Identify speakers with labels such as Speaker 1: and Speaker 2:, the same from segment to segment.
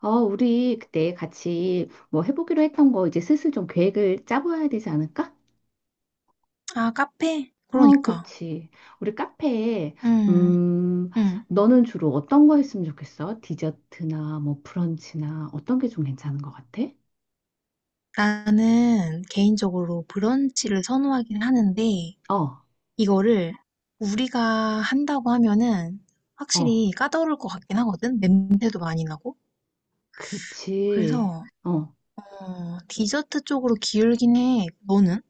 Speaker 1: 어, 우리 그때 같이 뭐 해보기로 했던 거 이제 슬슬 좀 계획을 짜봐야 되지 않을까?
Speaker 2: 아, 카페?
Speaker 1: 어,
Speaker 2: 그러니까.
Speaker 1: 그치. 우리 카페에,
Speaker 2: 음,
Speaker 1: 음,
Speaker 2: 음.
Speaker 1: 너는 주로 어떤 거 했으면 좋겠어? 디저트나 뭐 브런치나 어떤 게 좀 괜찮은 것 같아?
Speaker 2: 나는 개인적으로 브런치를 선호하긴 하는데,
Speaker 1: 어,
Speaker 2: 이거를 우리가 한다고 하면은
Speaker 1: 어,
Speaker 2: 확실히 까다로울 것 같긴 하거든? 냄새도 많이 나고.
Speaker 1: 그렇지.
Speaker 2: 그래서,
Speaker 1: 어.
Speaker 2: 디저트 쪽으로 기울긴 해. 너는?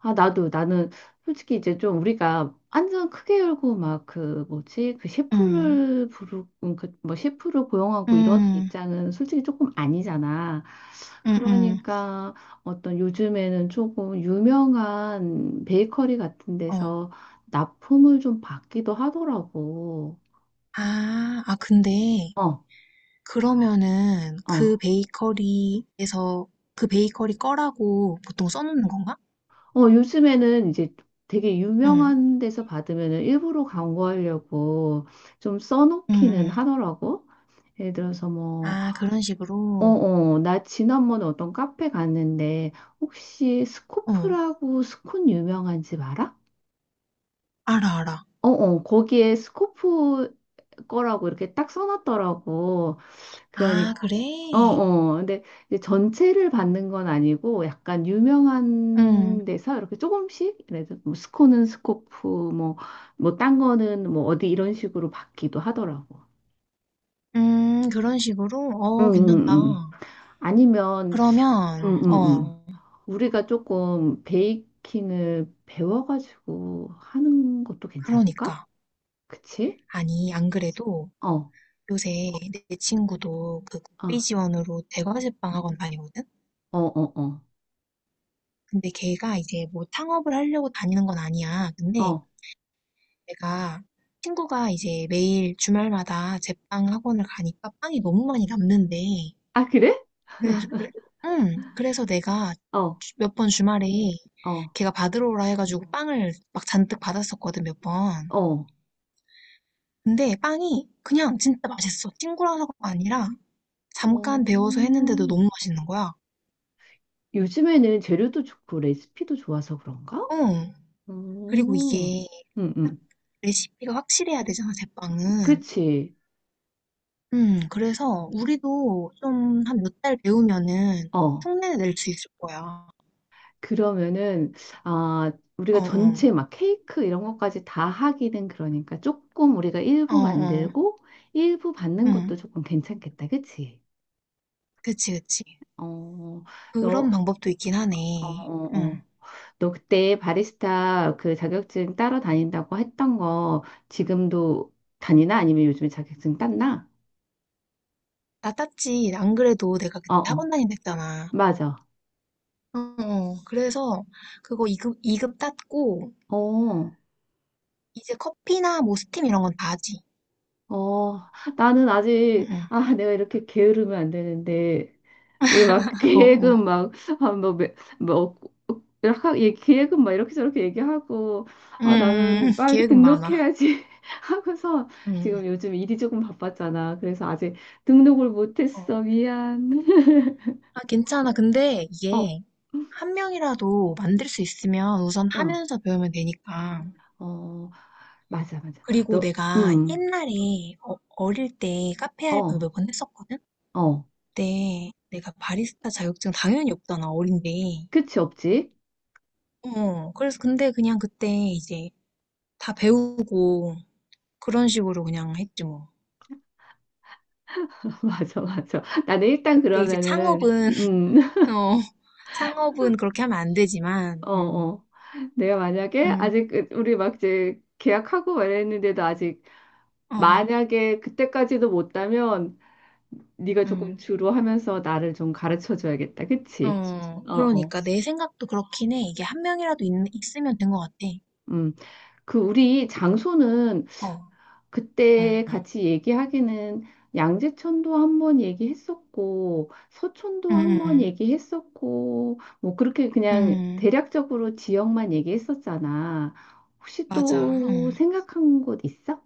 Speaker 1: 아, 나도, 나는 솔직히 이제 좀 우리가 완전 크게 열고 막 그 뭐지?
Speaker 2: 음,
Speaker 1: 그뭐 셰프를 고용하고 이러는
Speaker 2: 음,
Speaker 1: 입장은 솔직히 조금 아니잖아.
Speaker 2: 음,
Speaker 1: 그러니까 어떤 요즘에는 조금 유명한 베이커리 같은
Speaker 2: 어.
Speaker 1: 데서 납품을 좀 받기도 하더라고.
Speaker 2: 근데
Speaker 1: 어,
Speaker 2: 그러면은 그
Speaker 1: 어.
Speaker 2: 베이커리에서 그 베이커리 거라고 보통 써놓는 건가?
Speaker 1: 어, 요즘에는 이제 되게
Speaker 2: 응.
Speaker 1: 유명한 데서 받으면은 일부러 광고하려고 좀
Speaker 2: 응,
Speaker 1: 써놓기는
Speaker 2: 응.
Speaker 1: 하더라고. 예를 들어서 뭐,
Speaker 2: 아 그런
Speaker 1: 어,
Speaker 2: 식으로.
Speaker 1: 어, 나 지난번에 어떤 카페 갔는데 혹시
Speaker 2: 어.
Speaker 1: 스코프라고 스콘 유명한 집 알아?
Speaker 2: 알아, 알아.
Speaker 1: 어, 어, 거기에 스코프 거라고 이렇게 딱 써놨더라고. 그러니,
Speaker 2: 아 그래?
Speaker 1: 어, 어. 근데 이제 전체를 받는 건 아니고 약간
Speaker 2: 응.
Speaker 1: 유명한 데서 이렇게 조금씩, 그래서 뭐 스코는 스코프, 뭐, 뭐, 딴 거는 뭐 어디 이런 식으로 받기도 하더라고.
Speaker 2: 그런 식으로?
Speaker 1: 응,
Speaker 2: 어
Speaker 1: 응,
Speaker 2: 괜찮다.
Speaker 1: 응. 아니면,
Speaker 2: 그러면,
Speaker 1: 응, 응, 응.
Speaker 2: 어,
Speaker 1: 우리가 조금 베이킹을 배워가지고 하는 것도 괜찮을까?
Speaker 2: 그러니까.
Speaker 1: 그치?
Speaker 2: 아니, 안 그래도
Speaker 1: 어, 어,
Speaker 2: 요새 내 친구도 그 국비 지원으로 대과제빵 학원 다니거든?
Speaker 1: 어, 어,
Speaker 2: 근데 걔가 이제 뭐 창업을 하려고 다니는 건 아니야.
Speaker 1: 어.
Speaker 2: 근데
Speaker 1: 어.
Speaker 2: 내가 친구가 이제 매일 주말마다 제빵 학원을 가니까 빵이 너무 많이 남는데
Speaker 1: 아, 그래?
Speaker 2: 그래서, 그래, 응, 그래서 내가
Speaker 1: 어,
Speaker 2: 몇 번 주말에
Speaker 1: 어,
Speaker 2: 걔가 받으러 오라 해가지고 빵을 막 잔뜩 받았었거든, 몇 번.
Speaker 1: 어.
Speaker 2: 근데 빵이 그냥 진짜 맛있어. 친구라서가 아니라
Speaker 1: 어,
Speaker 2: 잠깐 데워서 했는데도 너무 맛있는 거야.
Speaker 1: 요즘에는 재료도 좋고 레시피도 좋아서 그런가?
Speaker 2: 어.
Speaker 1: 어,
Speaker 2: 그리고 이게
Speaker 1: 응,
Speaker 2: 딱
Speaker 1: 응.
Speaker 2: 레시피가 확실해야 되잖아, 제빵은.
Speaker 1: 그치.
Speaker 2: 그래서 우리도 좀 한 몇 달 배우면은
Speaker 1: 어.
Speaker 2: 흉내낼 수 있을 거야.
Speaker 1: 그러면은, 아,
Speaker 2: 어,
Speaker 1: 우리가
Speaker 2: 어,
Speaker 1: 전체 막 케이크 이런 것까지 다 하기는 그러니까 조금 우리가
Speaker 2: 어,
Speaker 1: 일부
Speaker 2: 어,
Speaker 1: 만들고 일부 받는
Speaker 2: 응,
Speaker 1: 것도 조금 괜찮겠다. 그치?
Speaker 2: 그치, 그치.
Speaker 1: 어,
Speaker 2: 그런
Speaker 1: 너,
Speaker 2: 방법도 있긴
Speaker 1: 어,
Speaker 2: 하네.
Speaker 1: 어, 어.
Speaker 2: 응.
Speaker 1: 너 그때 바리스타 그 자격증 따러 다닌다고 했던 거 지금도 다니나? 아니면 요즘에 자격증 땄나?
Speaker 2: 나 땄지. 안 그래도 내가 그때
Speaker 1: 어어.
Speaker 2: 학원 다닌다 했잖아.
Speaker 1: 맞아.
Speaker 2: 어, 어. 그래서 그거 2급, 이급 땄고,
Speaker 1: 어,
Speaker 2: 이제 커피나 뭐 스팀 이런 건 다 하지.
Speaker 1: 어, 나는
Speaker 2: 응,
Speaker 1: 아직,
Speaker 2: 응.
Speaker 1: 아, 내가 이렇게 게으르면 안 되는데, 우리 막
Speaker 2: 어, 어.
Speaker 1: 계획은 막, 아, 뭐, 이렇게, 계획은 막 이렇게 저렇게 얘기하고,
Speaker 2: 음,
Speaker 1: 아, 나는 빨리
Speaker 2: 계획은 많아.
Speaker 1: 등록해야지 하고서
Speaker 2: 음,
Speaker 1: 지금 요즘 일이 조금 바빴잖아. 그래서 아직 등록을
Speaker 2: 어.
Speaker 1: 못했어. 미안.
Speaker 2: 아, 괜찮아. 근데
Speaker 1: 어,
Speaker 2: 이게 한 명이라도 만들 수 있으면 우선
Speaker 1: 어,
Speaker 2: 하면서 배우면 되니까.
Speaker 1: 어, 맞아, 맞아.
Speaker 2: 그리고
Speaker 1: 너,
Speaker 2: 내가 옛날에 어릴 때 카페 알바 몇
Speaker 1: 어,
Speaker 2: 번 했었거든?
Speaker 1: 어.
Speaker 2: 그때 내가 바리스타 자격증 당연히 없잖아, 어린데.
Speaker 1: 끝이 없지?
Speaker 2: 어, 그래서 근데 그냥 그때 이제 다 배우고 그런 식으로 그냥 했지 뭐.
Speaker 1: 맞아, 맞아. 나는 일단
Speaker 2: 근데 이제
Speaker 1: 그러면은,
Speaker 2: 창업은, 어, 창업은 그렇게 하면 안 되지만,
Speaker 1: 어, 어. 내가 만약에
Speaker 2: 음,
Speaker 1: 아직 우리 막 이제 계약하고 말했는데도 아직
Speaker 2: 어,
Speaker 1: 만약에 그때까지도 못다면 네가 조금
Speaker 2: 음,
Speaker 1: 주로 하면서 나를 좀 가르쳐 줘야겠다. 그치?
Speaker 2: 어,
Speaker 1: 어, 어.
Speaker 2: 그러니까 내 생각도 그렇긴 해. 이게 한 명이라도 있으면 된 것 같아.
Speaker 1: 음. 그 우리 장소는
Speaker 2: 어,
Speaker 1: 그때
Speaker 2: 음,
Speaker 1: 같이 얘기하기는 양재천도 한 번 얘기했었고 서촌도 한
Speaker 2: 음,
Speaker 1: 번
Speaker 2: 음,
Speaker 1: 얘기했었고 뭐 그렇게 그냥
Speaker 2: 음.
Speaker 1: 대략적으로 지역만 얘기했었잖아. 혹시
Speaker 2: 맞아,
Speaker 1: 또 생각한 곳 있어?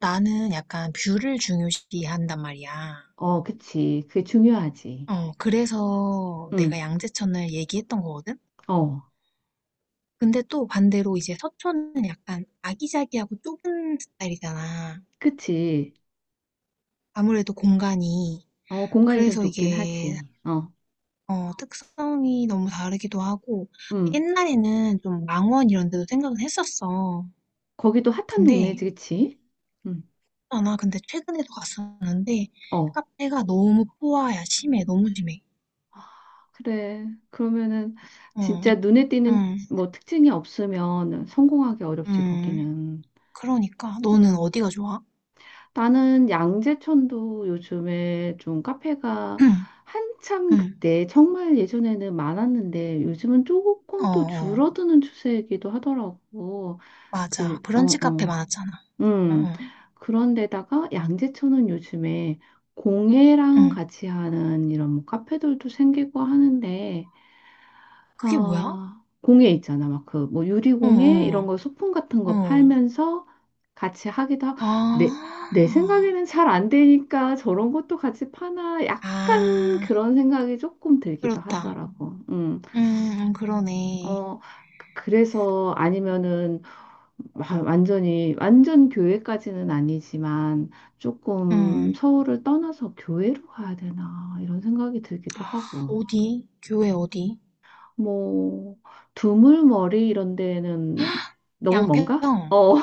Speaker 2: 나는 약간 뷰를 중요시한단 말이야.
Speaker 1: 어, 그치. 그게 중요하지.
Speaker 2: 어, 그래서 내가
Speaker 1: 응,
Speaker 2: 양재천을 얘기했던 거거든?
Speaker 1: 어,
Speaker 2: 근데 또 반대로 이제 서초는 약간 아기자기하고 좁은 스타일이잖아.
Speaker 1: 그치.
Speaker 2: 아무래도 공간이.
Speaker 1: 어, 공간이 좀
Speaker 2: 그래서
Speaker 1: 좁긴
Speaker 2: 이게,
Speaker 1: 하지. 어,
Speaker 2: 어, 특성이 너무 다르기도 하고,
Speaker 1: 응.
Speaker 2: 옛날에는 좀 망원 이런 데도 생각은 했었어.
Speaker 1: 거기도 핫한
Speaker 2: 근데,
Speaker 1: 동네지, 그치? 응,
Speaker 2: 아, 나 근데 최근에도 갔었는데,
Speaker 1: 어,
Speaker 2: 카페가 너무 포화야. 심해. 너무 심해.
Speaker 1: 그래. 그러면은
Speaker 2: 어,
Speaker 1: 진짜 눈에 띄는
Speaker 2: 음,
Speaker 1: 뭐 특징이 없으면 성공하기 어렵지,
Speaker 2: 음.
Speaker 1: 거기는.
Speaker 2: 그러니까, 너는
Speaker 1: 응.
Speaker 2: 어디가 좋아?
Speaker 1: 나는 양재천도 요즘에 좀 카페가 한참
Speaker 2: 응,
Speaker 1: 그때 정말 예전에는 많았는데 요즘은
Speaker 2: 어,
Speaker 1: 조금 또
Speaker 2: 어.
Speaker 1: 줄어드는 추세이기도 하더라고. 그,
Speaker 2: 맞아.
Speaker 1: 어,
Speaker 2: 브런치 카페
Speaker 1: 어.
Speaker 2: 많았잖아. 응,
Speaker 1: 음,
Speaker 2: 응,
Speaker 1: 그런데다가 양재천은 요즘에 공예랑
Speaker 2: 응.
Speaker 1: 같이 하는 이런 뭐 카페들도 생기고 하는데,
Speaker 2: 그게 뭐야?
Speaker 1: 아, 공예 있잖아. 막 그 뭐
Speaker 2: 응,
Speaker 1: 유리공예 이런
Speaker 2: 응,
Speaker 1: 거 소품 같은 거
Speaker 2: 응.
Speaker 1: 팔면서 같이 하기도 하고,
Speaker 2: 아,
Speaker 1: 내, 내 생각에는 잘 안 되니까 저런 것도 같이 파나 약간
Speaker 2: 아,
Speaker 1: 그런 생각이 조금 들기도
Speaker 2: 그렇다.
Speaker 1: 하더라고.
Speaker 2: 응, 응, 그러네.
Speaker 1: 어, 그래서 아니면은 완전히 완전 교회까지는 아니지만 조금
Speaker 2: 응.
Speaker 1: 서울을 떠나서 교회로 가야 되나 이런 생각이 들기도
Speaker 2: 아,
Speaker 1: 하고
Speaker 2: 어디? 교회 어디?
Speaker 1: 뭐 두물머리 이런 데는 너무 먼가?
Speaker 2: 양평.
Speaker 1: 어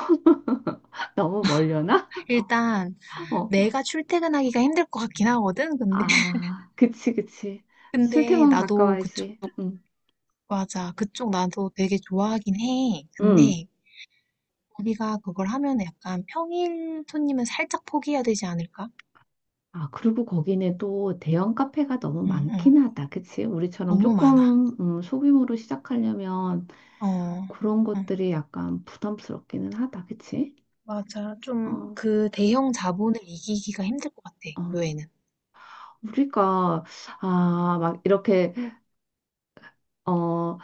Speaker 1: 너무 멀려나?
Speaker 2: 일단
Speaker 1: 어.
Speaker 2: 내가 출퇴근하기가 힘들 것 같긴 하거든. 근데
Speaker 1: 아, 그치, 그치.
Speaker 2: 근데
Speaker 1: 출퇴근
Speaker 2: 나도 그쪽
Speaker 1: 가까워야지 응.
Speaker 2: 맞아. 그쪽 나도 되게 좋아하긴 해.
Speaker 1: 응.
Speaker 2: 근데 우리가 그걸 하면 약간 평일 손님은 살짝 포기해야 되지 않을까?
Speaker 1: 아 그리고 거기는 또 대형 카페가 너무
Speaker 2: 응, 응.
Speaker 1: 많긴 하다 그치? 우리처럼
Speaker 2: 너무 많아.
Speaker 1: 조금 소규모로 시작하려면
Speaker 2: 어,
Speaker 1: 그런
Speaker 2: 응,
Speaker 1: 것들이 약간 부담스럽기는 하다, 그치?
Speaker 2: 맞아. 좀
Speaker 1: 어,
Speaker 2: 그 대형 자본을 이기기가 힘들 것 같아,
Speaker 1: 어.
Speaker 2: 요회는
Speaker 1: 우리가, 아, 막 이렇게, 어,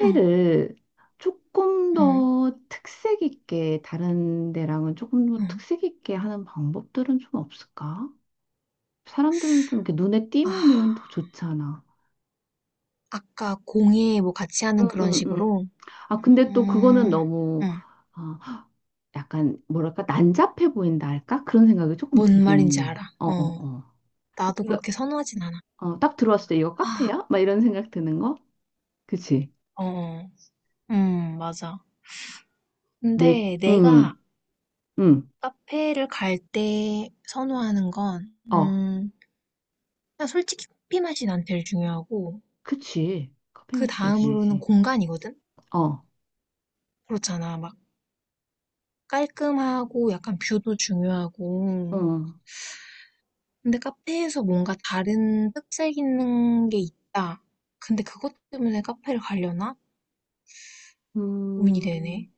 Speaker 2: 응,
Speaker 1: 조금
Speaker 2: 응,
Speaker 1: 더 특색 있게, 다른 데랑은 조금 더
Speaker 2: 응.
Speaker 1: 특색 있게 하는 방법들은 좀 없을까? 사람들은 좀 이렇게 눈에
Speaker 2: 아,
Speaker 1: 띄면은 더 좋잖아.
Speaker 2: 아까 공예 뭐 같이 하는
Speaker 1: 응,
Speaker 2: 그런
Speaker 1: 응, 응.
Speaker 2: 식으로.
Speaker 1: 아, 근데 또 그거는
Speaker 2: 음,
Speaker 1: 너무,
Speaker 2: 응,
Speaker 1: 어, 약간, 뭐랄까, 난잡해 보인다 할까? 그런 생각이 조금
Speaker 2: 뭔
Speaker 1: 들기는
Speaker 2: 말인지
Speaker 1: 해.
Speaker 2: 알아.
Speaker 1: 어, 어,
Speaker 2: 어,
Speaker 1: 어.
Speaker 2: 나도 그렇게 선호하진 않아.
Speaker 1: 어, 딱 들어왔을 때 이거
Speaker 2: 아,
Speaker 1: 카페야? 막 이런 생각 드는 거? 그치?
Speaker 2: 어, 어. 맞아.
Speaker 1: 내,
Speaker 2: 근데
Speaker 1: 응,
Speaker 2: 내가
Speaker 1: 응,
Speaker 2: 카페를 갈 때 선호하는 건,
Speaker 1: 어,
Speaker 2: 음, 그냥 솔직히 커피 맛이 난 제일 중요하고,
Speaker 1: 그치. 커피
Speaker 2: 그
Speaker 1: 마시자
Speaker 2: 다음으로는
Speaker 1: 중요하지.
Speaker 2: 공간이거든?
Speaker 1: 어,
Speaker 2: 그렇잖아. 막 깔끔하고 약간 뷰도
Speaker 1: 어,
Speaker 2: 중요하고. 근데 카페에서 뭔가 다른 특색 있는 게 있다. 근데 그것 때문에 카페를 가려나? 고민이
Speaker 1: 음,
Speaker 2: 되네.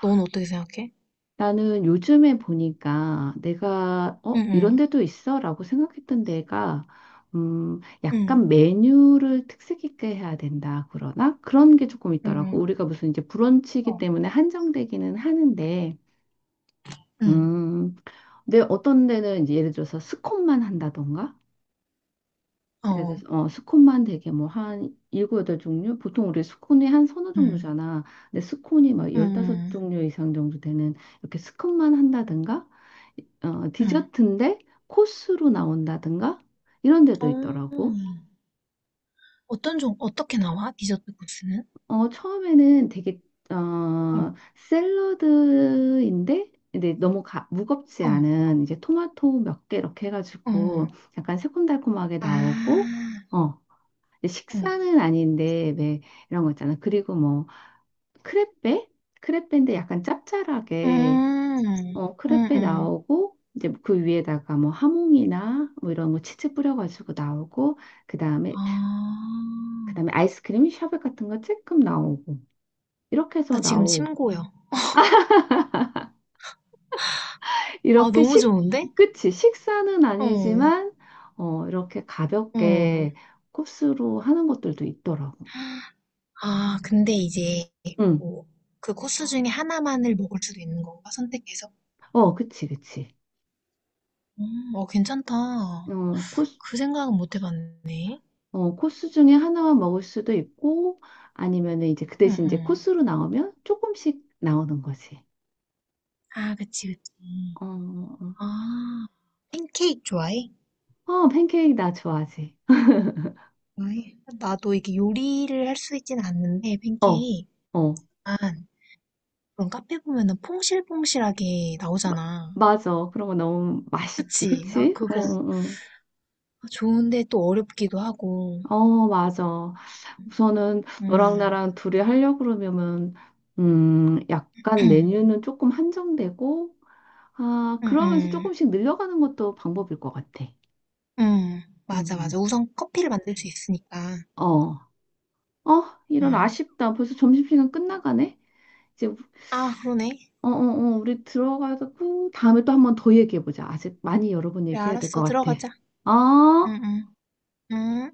Speaker 2: 넌 어떻게 생각해?
Speaker 1: 나는 요즘에 보니까 내가,
Speaker 2: 응,
Speaker 1: 어, 이런
Speaker 2: 응,
Speaker 1: 데도 있어? 라고 생각했던 데가,
Speaker 2: 응,
Speaker 1: 약간 메뉴를 특색 있게 해야 된다. 그러나? 그런 게 조금
Speaker 2: 응,
Speaker 1: 있더라고.
Speaker 2: 응,
Speaker 1: 우리가 무슨 이제
Speaker 2: 어,
Speaker 1: 브런치이기 때문에 한정되기는 하는데,
Speaker 2: 응,
Speaker 1: 음, 근데 어떤 데는 이제 예를 들어서 스콘만 한다던가? 예를
Speaker 2: 어,
Speaker 1: 들어서 어, 스콘만 되게 뭐 한 7, 8종류? 보통 우리 스콘이 한 서너
Speaker 2: 응,
Speaker 1: 종류잖아. 근데 스콘이 막
Speaker 2: 응,
Speaker 1: 열다섯
Speaker 2: 응,
Speaker 1: 종류 이상 정도 되는 이렇게 스콘만 한다든가 어,
Speaker 2: 응.
Speaker 1: 디저트인데 코스로 나온다든가 이런 데도
Speaker 2: 어,
Speaker 1: 있더라고.
Speaker 2: 어떻게 나와? 디저트 코스는?
Speaker 1: 어, 처음에는 되게
Speaker 2: 어, 어,
Speaker 1: 어, 샐러드인데 근데 너무 무겁지 않은 이제 토마토 몇개 이렇게
Speaker 2: 어.
Speaker 1: 해가지고 약간 새콤달콤하게
Speaker 2: 아,
Speaker 1: 나오고 어, 이제
Speaker 2: 어.
Speaker 1: 식사는 아닌데 왜 이런 거 있잖아. 그리고 뭐 크레페? 크레페인데 약간 짭짤하게
Speaker 2: 음,
Speaker 1: 어
Speaker 2: 음,
Speaker 1: 크레페
Speaker 2: 음.
Speaker 1: 나오고 이제 그 위에다가 뭐 하몽이나 뭐 이런 거 치즈 뿌려가지고 나오고
Speaker 2: 아,
Speaker 1: 그다음에 그다음에 아이스크림 샤베 같은 거 조금 나오고 이렇게
Speaker 2: 나
Speaker 1: 해서
Speaker 2: 지금
Speaker 1: 나오고
Speaker 2: 침 고여. 아,
Speaker 1: 이렇게
Speaker 2: 너무
Speaker 1: 식
Speaker 2: 좋은데?
Speaker 1: 끝이 식사는
Speaker 2: 어,
Speaker 1: 아니지만 어 이렇게
Speaker 2: 어.
Speaker 1: 가볍게 코스로 하는 것들도 있더라고.
Speaker 2: 아, 근데 이제
Speaker 1: 응.
Speaker 2: 뭐 그 코스 중에 하나만을 먹을 수도 있는 건가? 선택해서.
Speaker 1: 어, 그치, 그치.
Speaker 2: 어, 괜찮다.
Speaker 1: 어, 코스
Speaker 2: 그 생각은 못 해봤네.
Speaker 1: 어, 코스 중에 하나만 먹을 수도 있고, 아니면은 이제 그
Speaker 2: 응,
Speaker 1: 대신 이제
Speaker 2: 응.
Speaker 1: 코스로 나오면 조금씩 나오는 거지.
Speaker 2: 아, 그치, 그치.
Speaker 1: 어, 어,
Speaker 2: 아, 팬케이크 좋아해?
Speaker 1: 어, 팬케이크 나 좋아하지.
Speaker 2: 좋아해. 나도 이게 요리를 할 수 있진 않는데,
Speaker 1: 어,
Speaker 2: 팬케이크.
Speaker 1: 어,
Speaker 2: 아, 그런 카페 보면은 퐁실퐁실하게
Speaker 1: 마,
Speaker 2: 나오잖아.
Speaker 1: 맞아. 그런 거 너무 맛있지,
Speaker 2: 그치? 아,
Speaker 1: 그치? 어,
Speaker 2: 그거.
Speaker 1: 어,
Speaker 2: 좋은데 또 어렵기도 하고.
Speaker 1: 어, 어, 맞아. 우선은 너랑
Speaker 2: 음.
Speaker 1: 나랑 둘이 하려고 그러면은, 약간
Speaker 2: 응,
Speaker 1: 메뉴는 조금 한정되고, 아,
Speaker 2: 응,
Speaker 1: 그러면서
Speaker 2: 응.
Speaker 1: 조금씩 늘려가는 것도 방법일 것 같아.
Speaker 2: 응.
Speaker 1: 음,
Speaker 2: 맞아,
Speaker 1: 음.
Speaker 2: 맞아. 우선 커피를 만들 수 있으니까.
Speaker 1: 어, 어, 이런
Speaker 2: 응.
Speaker 1: 아쉽다. 벌써 점심시간 끝나가네. 이제
Speaker 2: 아, 그러네.
Speaker 1: 어, 어, 어, 우리 들어가고 다음에 또 한번 더 얘기해보자. 아직 많이 여러 번
Speaker 2: 그래,
Speaker 1: 얘기해야 될 것
Speaker 2: 알았어.
Speaker 1: 같아.
Speaker 2: 들어가자.
Speaker 1: 어?
Speaker 2: 응, 응. 응.